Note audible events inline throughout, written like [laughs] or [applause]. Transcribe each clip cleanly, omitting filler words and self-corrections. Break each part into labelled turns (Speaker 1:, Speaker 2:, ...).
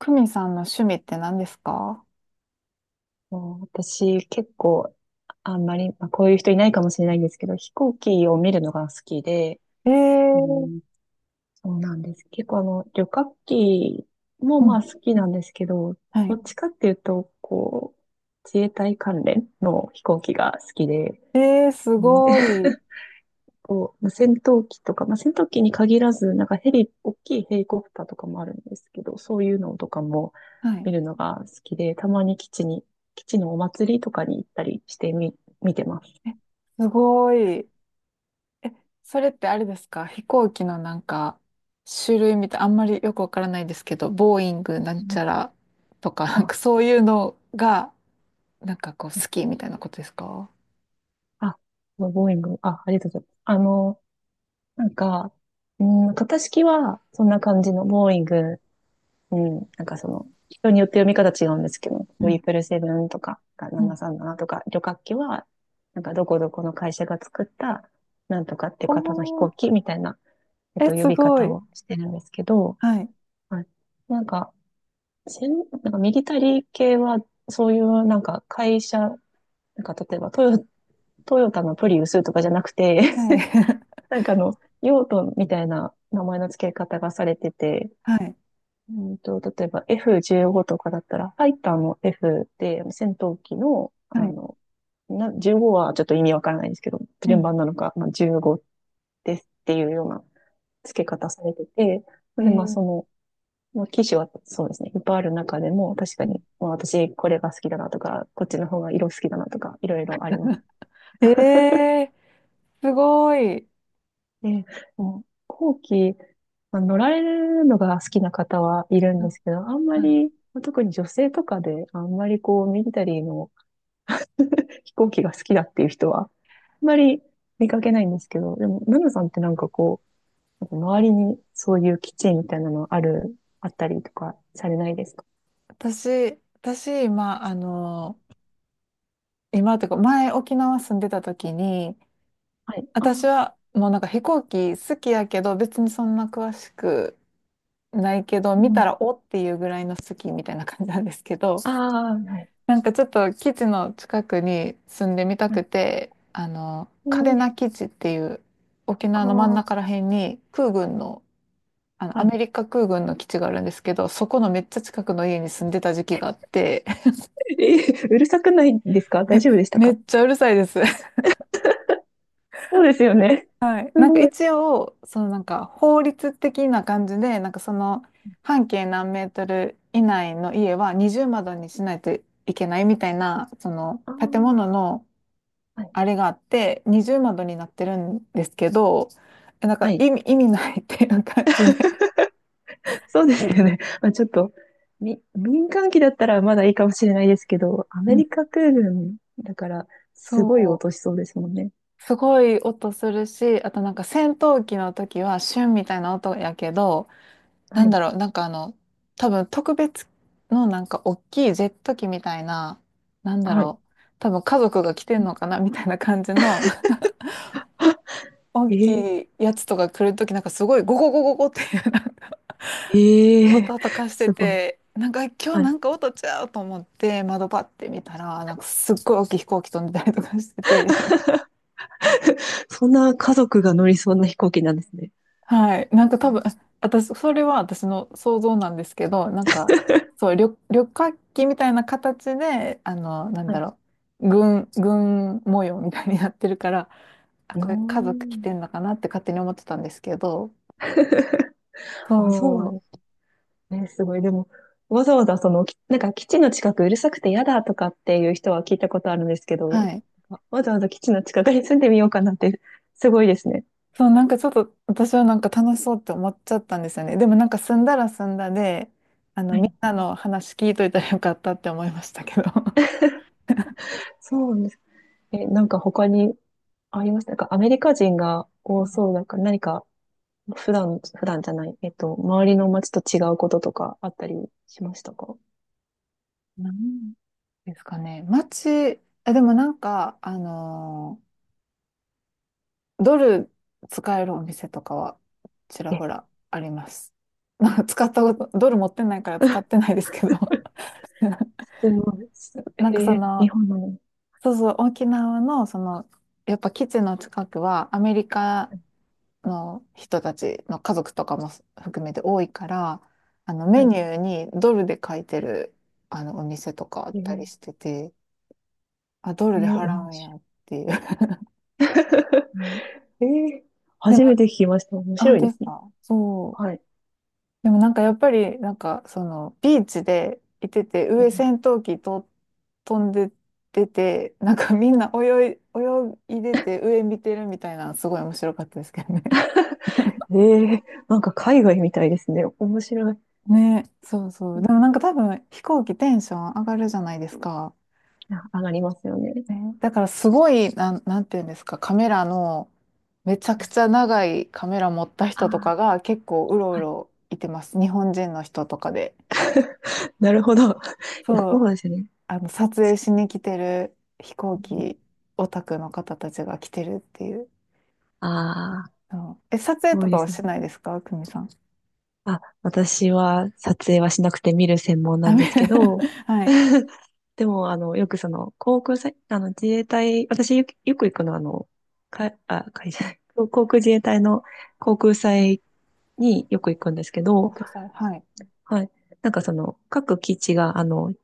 Speaker 1: クミさんの趣味って何ですか？
Speaker 2: もう私、結構、あんまり、まあ、こういう人いないかもしれないんですけど、飛行機を見るのが好きで、
Speaker 1: え
Speaker 2: う
Speaker 1: ー、
Speaker 2: ん、そうなんです。結構旅客機も
Speaker 1: う
Speaker 2: まあ
Speaker 1: ん。
Speaker 2: 好きなんですけど、
Speaker 1: は
Speaker 2: ど
Speaker 1: い。
Speaker 2: っちかっていうと、こう、自衛隊関連の飛行機が好きで、
Speaker 1: す
Speaker 2: うん、
Speaker 1: ごい。
Speaker 2: こう、まあ戦闘機とか、まあ、戦闘機に限らず、なんかヘリ、大きいヘリコプターとかもあるんですけど、そういうのとかも
Speaker 1: はい。
Speaker 2: 見るのが好きで、たまに基地に、基地のお祭りとかに行ったりしてみ、見てます。
Speaker 1: え、すごい。え、それってあれですか？飛行機の種類みたい、あんまりよくわからないですけど、ボーイングなん
Speaker 2: う
Speaker 1: ち
Speaker 2: ん、
Speaker 1: ゃらとか、なんか
Speaker 2: あ、
Speaker 1: そういうのが、なんかこう
Speaker 2: はい。
Speaker 1: 好きみたいなことですか？
Speaker 2: あ、ボーイング、あ、ありがとうございます。なんか、うん、型式はそんな感じのボーイング。うん。なんかその、人によって読み方違うんですけど、
Speaker 1: う
Speaker 2: トリ
Speaker 1: ん
Speaker 2: プルセブンとか、
Speaker 1: うん
Speaker 2: 737とか、旅客機は、なんかどこどこの会社が作った、なんとかっていう方の飛
Speaker 1: お
Speaker 2: 行
Speaker 1: ー、
Speaker 2: 機みたいな、
Speaker 1: え、
Speaker 2: 呼
Speaker 1: す
Speaker 2: び
Speaker 1: ご
Speaker 2: 方
Speaker 1: い。
Speaker 2: をしてるんですけど、
Speaker 1: はい。
Speaker 2: はい。なんか、せん、なんかミリタリー系は、そういうなんか会社、なんか例えばトヨタのプリウスとかじゃなくて
Speaker 1: はい。
Speaker 2: [laughs]
Speaker 1: [laughs]
Speaker 2: なんか用途みたいな名前の付け方がされてて、
Speaker 1: はい。
Speaker 2: うんと、例えば F15 とかだったら、ファイターの F で、戦闘機の、
Speaker 1: はい。
Speaker 2: 15はちょっと意味わからないんですけど、
Speaker 1: う
Speaker 2: 連番
Speaker 1: ん。
Speaker 2: なのか、まあ、15ですっていうような付け方されてて、
Speaker 1: え
Speaker 2: で、まあ
Speaker 1: ー、
Speaker 2: その、まあ、機種はそうですね、いっぱいある中でも、確か
Speaker 1: うん
Speaker 2: に、まあ私これが好きだなとか、こっちの方が色好きだなとか、いろいろあります。
Speaker 1: えー、すごい。
Speaker 2: で、もう後期、まあ、乗られるのが好きな方はいるんですけど、あんま
Speaker 1: はい。
Speaker 2: り、まあ特に女性とかで、あんまりこう、ミリタリーの飛行機が好きだっていう人は、あんまり見かけないんですけど、でも、ナナさんってなんかこう、なんか周りにそういう基地みたいなのある、あったりとかされないですか？
Speaker 1: 私、今、今というか、前沖縄住んでた時に、
Speaker 2: はい。ああ、
Speaker 1: 私はもうなんか飛行機好きやけど、別にそんな詳しくないけど、
Speaker 2: う
Speaker 1: 見た
Speaker 2: ん。
Speaker 1: らおっていうぐらいの好きみたいな感じなんですけど、
Speaker 2: ああ、はい。
Speaker 1: [laughs] なんかちょっと基地の近くに住んでみた
Speaker 2: は
Speaker 1: く
Speaker 2: い。
Speaker 1: て、
Speaker 2: え
Speaker 1: 嘉手
Speaker 2: ー、
Speaker 1: 納基地っていう沖
Speaker 2: あ
Speaker 1: 縄の真ん
Speaker 2: あ、
Speaker 1: 中ら辺に空軍の、
Speaker 2: は
Speaker 1: ア
Speaker 2: い。
Speaker 1: メリカ空軍の基地があるんですけど、そこのめっちゃ近くの家に住んでた時期があって、
Speaker 2: えー、うるさくないですか？大
Speaker 1: え、
Speaker 2: 丈夫でした
Speaker 1: め
Speaker 2: か？
Speaker 1: っちゃうるさいです。[laughs]
Speaker 2: そうですよね。
Speaker 1: はい。
Speaker 2: す
Speaker 1: なんか
Speaker 2: ごい。
Speaker 1: 一応、そのなんか法律的な感じで、なんかその半径何メートル以内の家は二重窓にしないといけないみたいな、その
Speaker 2: ああ、
Speaker 1: 建物の
Speaker 2: はい。
Speaker 1: あれがあって、二重窓になってるんですけど、え
Speaker 2: はい。
Speaker 1: 意味ないっていう感じで。
Speaker 2: そうですよね。まあ、ちょっと、民間機だったらまだいいかもしれないですけど、ア
Speaker 1: う
Speaker 2: メ
Speaker 1: ん
Speaker 2: リカ空軍だから、すごい落
Speaker 1: そ
Speaker 2: としそうですもんね。
Speaker 1: う。すごい音するし、あとなんか戦闘機の時はシュンみたいな音やけど、
Speaker 2: は
Speaker 1: なん
Speaker 2: い。
Speaker 1: だろう、多分特別のなんか大きいジェット機みたいな、なんだ
Speaker 2: はい。
Speaker 1: ろう、多分家族が来てんのかなみたいな感じの [laughs] 大
Speaker 2: あ、え、え
Speaker 1: きいやつとか来るときなんかすごいゴゴゴゴゴっていうなんか [laughs]
Speaker 2: え、え、
Speaker 1: 音とかして
Speaker 2: すごい。
Speaker 1: て、なんか今日
Speaker 2: は
Speaker 1: な
Speaker 2: い。
Speaker 1: んか音ちゃうと思って窓パッて見たら、なんかすっごい大きい飛行機飛んでたりとかしてて、
Speaker 2: [laughs] そんな家族が乗りそうな飛行機なんですね。
Speaker 1: はい。なんか多分、あ私、それは私の想像なんですけど、なんか、そう、旅客機みたいな形で、なん
Speaker 2: は
Speaker 1: だ
Speaker 2: い。
Speaker 1: ろう、軍模様みたいになってるから、あ、
Speaker 2: うー
Speaker 1: これ家族来
Speaker 2: ん。
Speaker 1: てんのかなって勝手に思ってたんですけど、
Speaker 2: [laughs] あ、そうなん
Speaker 1: そ
Speaker 2: ですね、すごい。でも、わざわざその、なんか基地の近くうるさくて嫌だとかっていう人は聞いたことあるんですけ
Speaker 1: う、
Speaker 2: ど、
Speaker 1: はい。
Speaker 2: わざわざ基地の近くに住んでみようかなって、すごいですね。
Speaker 1: そう、なんかちょっと私はなんか楽しそうって思っちゃったんですよね。でもなんか住んだら住んだで、
Speaker 2: は
Speaker 1: み
Speaker 2: い。
Speaker 1: んなの話聞いといたらよかったって思いましたけど。[laughs]
Speaker 2: そうなんです。え、なんか他にありましたか？アメリカ人が多そうだから、何か普段じゃない、周りの街と違うこととかあったりしましたか？
Speaker 1: なんですかね。街、あ、でもなんか、ドル使えるお店とかはちら
Speaker 2: え、
Speaker 1: ほらあります。[laughs] まあ、使ったこと、ドル持ってないから使って
Speaker 2: [laughs]
Speaker 1: ないですけど。[laughs]
Speaker 2: すごい。
Speaker 1: なんかそ
Speaker 2: えー、日
Speaker 1: の、
Speaker 2: 本なのに。
Speaker 1: そうそう、沖縄の、その、やっぱ基地の近くはアメリカの人たちの家族とかも含めて多いから、
Speaker 2: は
Speaker 1: メ
Speaker 2: い。
Speaker 1: ニューにドルで書いてる、お店とかあっ
Speaker 2: え
Speaker 1: た
Speaker 2: ー、
Speaker 1: りしてて、あ、ドル
Speaker 2: え
Speaker 1: で
Speaker 2: ー、
Speaker 1: 払
Speaker 2: 面
Speaker 1: うんや
Speaker 2: 白
Speaker 1: っていう。
Speaker 2: い。[laughs]
Speaker 1: [laughs] うん
Speaker 2: えー、初め
Speaker 1: で
Speaker 2: て聞きました。面
Speaker 1: 本
Speaker 2: 白い
Speaker 1: 当
Speaker 2: で
Speaker 1: です
Speaker 2: すね。
Speaker 1: か？そう。
Speaker 2: はい。
Speaker 1: でもなんかやっぱり、なんかそのビーチでいてて、
Speaker 2: う
Speaker 1: 上
Speaker 2: ん。
Speaker 1: 戦闘機と飛んで出て、なんかみんな泳いでて上見てるみたいなのすごい面白かったですけどね。
Speaker 2: えー、なんか海外みたいですね。面白い。
Speaker 1: [laughs] ね、そうそ
Speaker 2: う
Speaker 1: う。で
Speaker 2: ん、
Speaker 1: もなんか多分飛行機テンション上がるじゃないですか。
Speaker 2: あ、上がりますよね。
Speaker 1: ね、だからすごい、なんていうんですか、カメラの、めちゃ
Speaker 2: う
Speaker 1: く
Speaker 2: ん、
Speaker 1: ちゃ長いカメラ持った
Speaker 2: あ
Speaker 1: 人とか
Speaker 2: ー、
Speaker 1: が結構うろう
Speaker 2: はい。
Speaker 1: ろいてます。日本人の人とかで。
Speaker 2: なるほど。[laughs] いや、
Speaker 1: そ
Speaker 2: そ
Speaker 1: う
Speaker 2: うですね。
Speaker 1: 撮影しに来てる飛行
Speaker 2: うん、
Speaker 1: 機オタクの方たちが来てるっていう。
Speaker 2: ああ、
Speaker 1: うんえ、撮
Speaker 2: す
Speaker 1: 影
Speaker 2: ご
Speaker 1: と
Speaker 2: いで
Speaker 1: かは
Speaker 2: すね。
Speaker 1: しないですか？久美さん。
Speaker 2: あ、私は撮影はしなくて見る専門な
Speaker 1: あ、
Speaker 2: ん
Speaker 1: め
Speaker 2: で
Speaker 1: [laughs]
Speaker 2: すけど、
Speaker 1: はい。
Speaker 2: [laughs] でも、あの、よくその、航空祭、あの、自衛隊、私よく、よく行くのは、あの、か、あ、会社、[laughs] 航空自衛隊の航空祭によく行くんですけど、
Speaker 1: 国際、はい。
Speaker 2: はい。なんかその、各基地が、あの、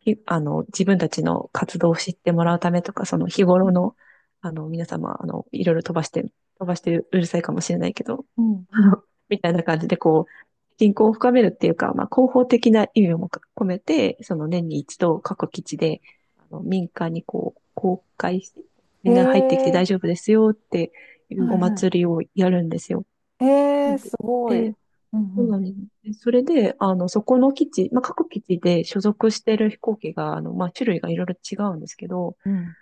Speaker 2: あの、自分たちの活動を知ってもらうためとか、その日
Speaker 1: う
Speaker 2: 頃
Speaker 1: ん
Speaker 2: の、あの、皆様、あの、いろいろ飛ばして、飛ばしてうるさいかもしれないけど、
Speaker 1: うん。
Speaker 2: [laughs] あのみたいな感じで、こう、人口を深めるっていうか、まあ、広報的な意味も込めて、その年に一度各基地で、あの民間にこう、公開して、み
Speaker 1: へ
Speaker 2: んな入ってきて
Speaker 1: え、
Speaker 2: 大丈夫ですよってい
Speaker 1: は
Speaker 2: うお
Speaker 1: いは
Speaker 2: 祭りをやるんですよ。
Speaker 1: い。へえ、
Speaker 2: で、
Speaker 1: すごい。
Speaker 2: で、
Speaker 1: う
Speaker 2: そうな
Speaker 1: ん
Speaker 2: んですね。それで、あの、そこの基地、まあ、各基地で所属してる飛行機が、あの、まあ、種類がいろいろ違うんですけど、
Speaker 1: うん。うん。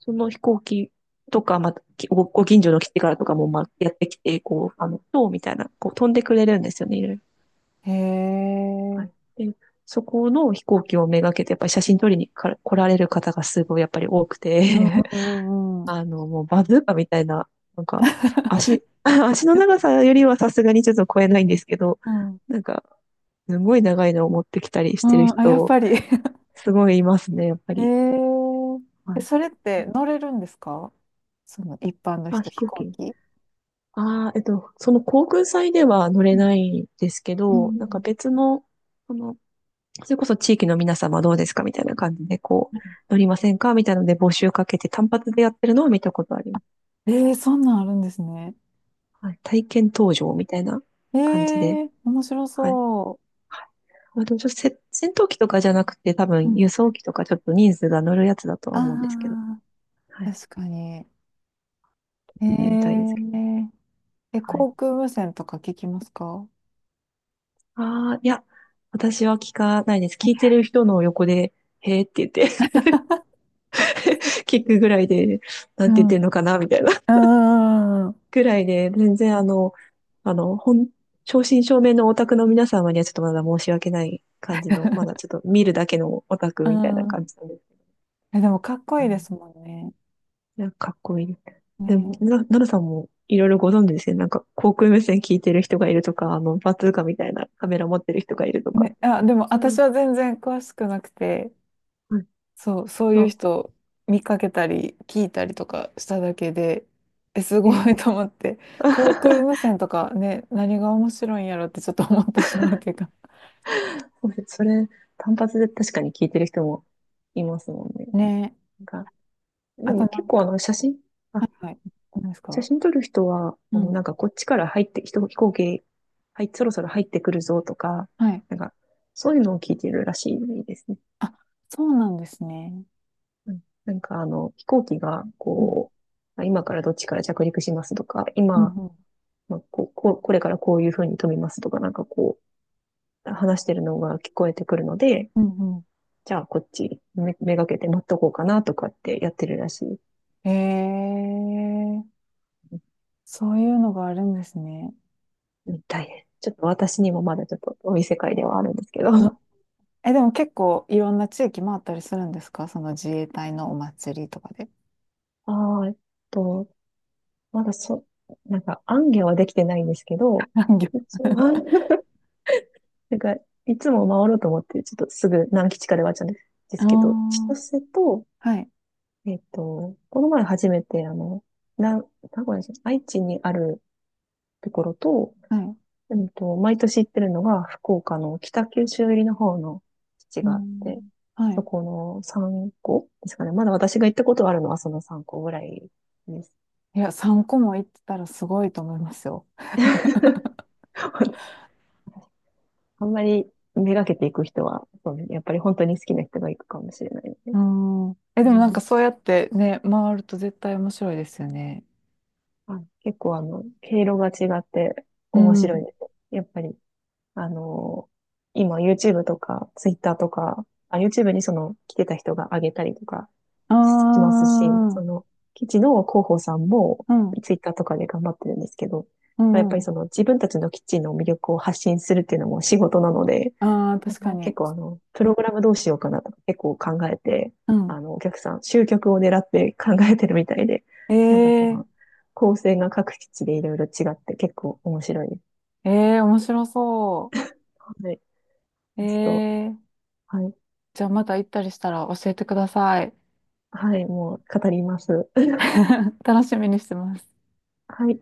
Speaker 2: その飛行機とか、まあ、ご近所の基地からとかも、まあ、やってきて、こう、あの、塔みたいな、こう、飛んでくれるんですよね、いろいろ。
Speaker 1: へ
Speaker 2: は
Speaker 1: え、
Speaker 2: い。で、そこの飛行機をめがけて、やっぱり写真撮りに来られる方がすごい、やっぱり多くて、
Speaker 1: うん
Speaker 2: [laughs]
Speaker 1: うんうんうん。
Speaker 2: あの、もうバズーカみたいな、なんか、[laughs] 足の長さよりはさすがにちょっと超えないんですけど、
Speaker 1: うん。
Speaker 2: なんか、すごい長いのを持ってきたりし
Speaker 1: う
Speaker 2: てる
Speaker 1: ん、あ、やっ
Speaker 2: 人、
Speaker 1: ぱり。[laughs]
Speaker 2: すごいいますね、やっぱ
Speaker 1: え
Speaker 2: り。
Speaker 1: ー、え、
Speaker 2: はい。
Speaker 1: それって乗れるんですか？その一般の
Speaker 2: あ、
Speaker 1: 人、
Speaker 2: 飛
Speaker 1: 飛
Speaker 2: 行
Speaker 1: 行
Speaker 2: 機。
Speaker 1: 機。
Speaker 2: ああ、えっと、その航空祭では乗れ
Speaker 1: うん。
Speaker 2: ないですけ
Speaker 1: う
Speaker 2: ど、なんか
Speaker 1: ん
Speaker 2: 別の、その、それこそ地域の皆様どうですかみたいな感じで、こう、乗りませんかみたいなので募集かけて単発でやってるのを見たことあります。
Speaker 1: えー、そんなんあるんですね。
Speaker 2: はい。体験搭乗みたいな
Speaker 1: え
Speaker 2: 感じで。
Speaker 1: ー、面白
Speaker 2: はい。
Speaker 1: そ
Speaker 2: まあ、でもちょっと戦闘機とかじゃなくて、多
Speaker 1: う。う
Speaker 2: 分
Speaker 1: ん。
Speaker 2: 輸送機とかちょっと人数が乗るやつだとは思うんですけど。
Speaker 1: ああ、
Speaker 2: はい。行っ
Speaker 1: 確かに。え
Speaker 2: てみたいですけど。
Speaker 1: ー、え、
Speaker 2: はい。
Speaker 1: 航空無線とか聞きますか？
Speaker 2: ああ、いや、私は聞かないです。聞いてる人の横で、へーって言って [laughs] 聞くぐらいで、な
Speaker 1: う
Speaker 2: んて言っ
Speaker 1: ん。
Speaker 2: てんのかな、みたいな
Speaker 1: うんうん
Speaker 2: ぐらいで、全然あの、あの、本、正真正銘のオタクの皆様にはちょっとまだ申し訳ない感じの、まだちょっと見るだけのオタク
Speaker 1: う
Speaker 2: みたい
Speaker 1: ん
Speaker 2: な
Speaker 1: うん。
Speaker 2: 感じなんです。
Speaker 1: え、でもかっこ
Speaker 2: う
Speaker 1: いいで
Speaker 2: ん、
Speaker 1: すもんね。
Speaker 2: いや、かっこいい。でも、
Speaker 1: ね、
Speaker 2: なるさんもいろいろご存知ですね。なんか、航空無線聞いてる人がいるとか、あの、バズーカみたいなカメラ持ってる人がいるとかっ
Speaker 1: ね、
Speaker 2: て。
Speaker 1: あ、でも
Speaker 2: う
Speaker 1: 私
Speaker 2: ん、
Speaker 1: は全然詳しくなくて、
Speaker 2: はい。
Speaker 1: そう、そういう
Speaker 2: あ、
Speaker 1: 人見かけたり聞いたりとかしただけで、え、すご
Speaker 2: ええ、
Speaker 1: いと思って、[laughs] 航空
Speaker 2: [laughs]
Speaker 1: 無線とかね、何が面白いんやろってちょっと思ってしまうというか。
Speaker 2: [laughs] そうです、それ、単発で確かに聞いてる人もいますもんね。
Speaker 1: [laughs] ねえ、
Speaker 2: なんか、で
Speaker 1: あと
Speaker 2: も
Speaker 1: な
Speaker 2: 結
Speaker 1: ん
Speaker 2: 構あ
Speaker 1: か、
Speaker 2: の、
Speaker 1: は
Speaker 2: あ、
Speaker 1: いはい、何です
Speaker 2: 写
Speaker 1: か？
Speaker 2: 真撮る人は、
Speaker 1: う
Speaker 2: あの、
Speaker 1: ん、
Speaker 2: なんかこっちから入って、飛行機、はい、そろそろ入ってくるぞとか、
Speaker 1: はい。
Speaker 2: なんか、そういうのを聞いてるらしいですね。
Speaker 1: あ、そうなんですね。
Speaker 2: うん、なんかあの、飛行機が、
Speaker 1: うん、
Speaker 2: こう、あ、今からどっちから着陸しますとか、
Speaker 1: うん、
Speaker 2: 今、
Speaker 1: うん、
Speaker 2: まあ、こう、これからこういうふうに飛びますとか、なんかこう、話してるのが聞こえてくるので、
Speaker 1: うんう
Speaker 2: じゃあこっちめがけて待っとこうかなとかってやってるらしい。
Speaker 1: えー、そういうのがあるんですね。
Speaker 2: うん、大変。ちょっと私にもまだちょっとお店会ではあるんですけど。
Speaker 1: うん
Speaker 2: [laughs]
Speaker 1: え、でも結構いろんな地域回ったりするんですか？その自衛隊のお祭りとかで。
Speaker 2: ああ、えっと、まだそ、なんか、行脚はできてないんですけど、
Speaker 1: [laughs] あ
Speaker 2: 一応は [laughs] なんか、いつも回ろうと思って、ちょっとすぐ何基地かで終わっちゃうんですで
Speaker 1: あ
Speaker 2: すけど、千
Speaker 1: ー、
Speaker 2: 歳と、
Speaker 1: はい
Speaker 2: えっと、この前初めて、あの、な、名古屋じゃない愛知にあるところと、
Speaker 1: はい。
Speaker 2: うんと、毎年行ってるのが、福岡の北九州入りの方の基地
Speaker 1: う
Speaker 2: があって、
Speaker 1: ん。は
Speaker 2: そ
Speaker 1: い。
Speaker 2: この3校ですかね。まだ私が行ったことあるのはその3校ぐらいです。
Speaker 1: いや、3個も行ってたらすごいと思いますよ。
Speaker 2: [laughs] あんまりめがけていく人は、そうねやっぱり本当に好きな人が行くかもしれないね。
Speaker 1: うん。え、
Speaker 2: う
Speaker 1: でもなんか
Speaker 2: ん、
Speaker 1: そうやってね、回ると絶対面白いですよね。
Speaker 2: はい、結構あの、経路が違って
Speaker 1: う
Speaker 2: 面白
Speaker 1: ん。
Speaker 2: いです。やっぱりあの、今 YouTube とか Twitter とか、あ、YouTube にその来てた人が上げたりとか
Speaker 1: あ
Speaker 2: しますし、そ
Speaker 1: あ、
Speaker 2: の、チ事の広報さんも
Speaker 1: うん。
Speaker 2: Twitter とかで頑張ってるんですけど、
Speaker 1: う
Speaker 2: まあやっぱ
Speaker 1: ん。
Speaker 2: りその自分たちの基地の魅力を発信するっていうのも仕事なので、
Speaker 1: ああ、
Speaker 2: なん
Speaker 1: 確か
Speaker 2: か結
Speaker 1: に。
Speaker 2: 構あの、プログラムどうしようかなとか結構考えて、
Speaker 1: うん。
Speaker 2: あの、お客さん、集客を狙って考えてるみたいで、
Speaker 1: え
Speaker 2: なんかその、
Speaker 1: え
Speaker 2: 構成が各基地でいろいろ違って結構面白いです。
Speaker 1: え面白そ
Speaker 2: はい。
Speaker 1: う。
Speaker 2: ちょっと、
Speaker 1: え
Speaker 2: はい。
Speaker 1: じゃあまた行ったりしたら教えてください。
Speaker 2: はい、もう語ります。[laughs]
Speaker 1: [laughs] 楽しみにしてます。
Speaker 2: はい。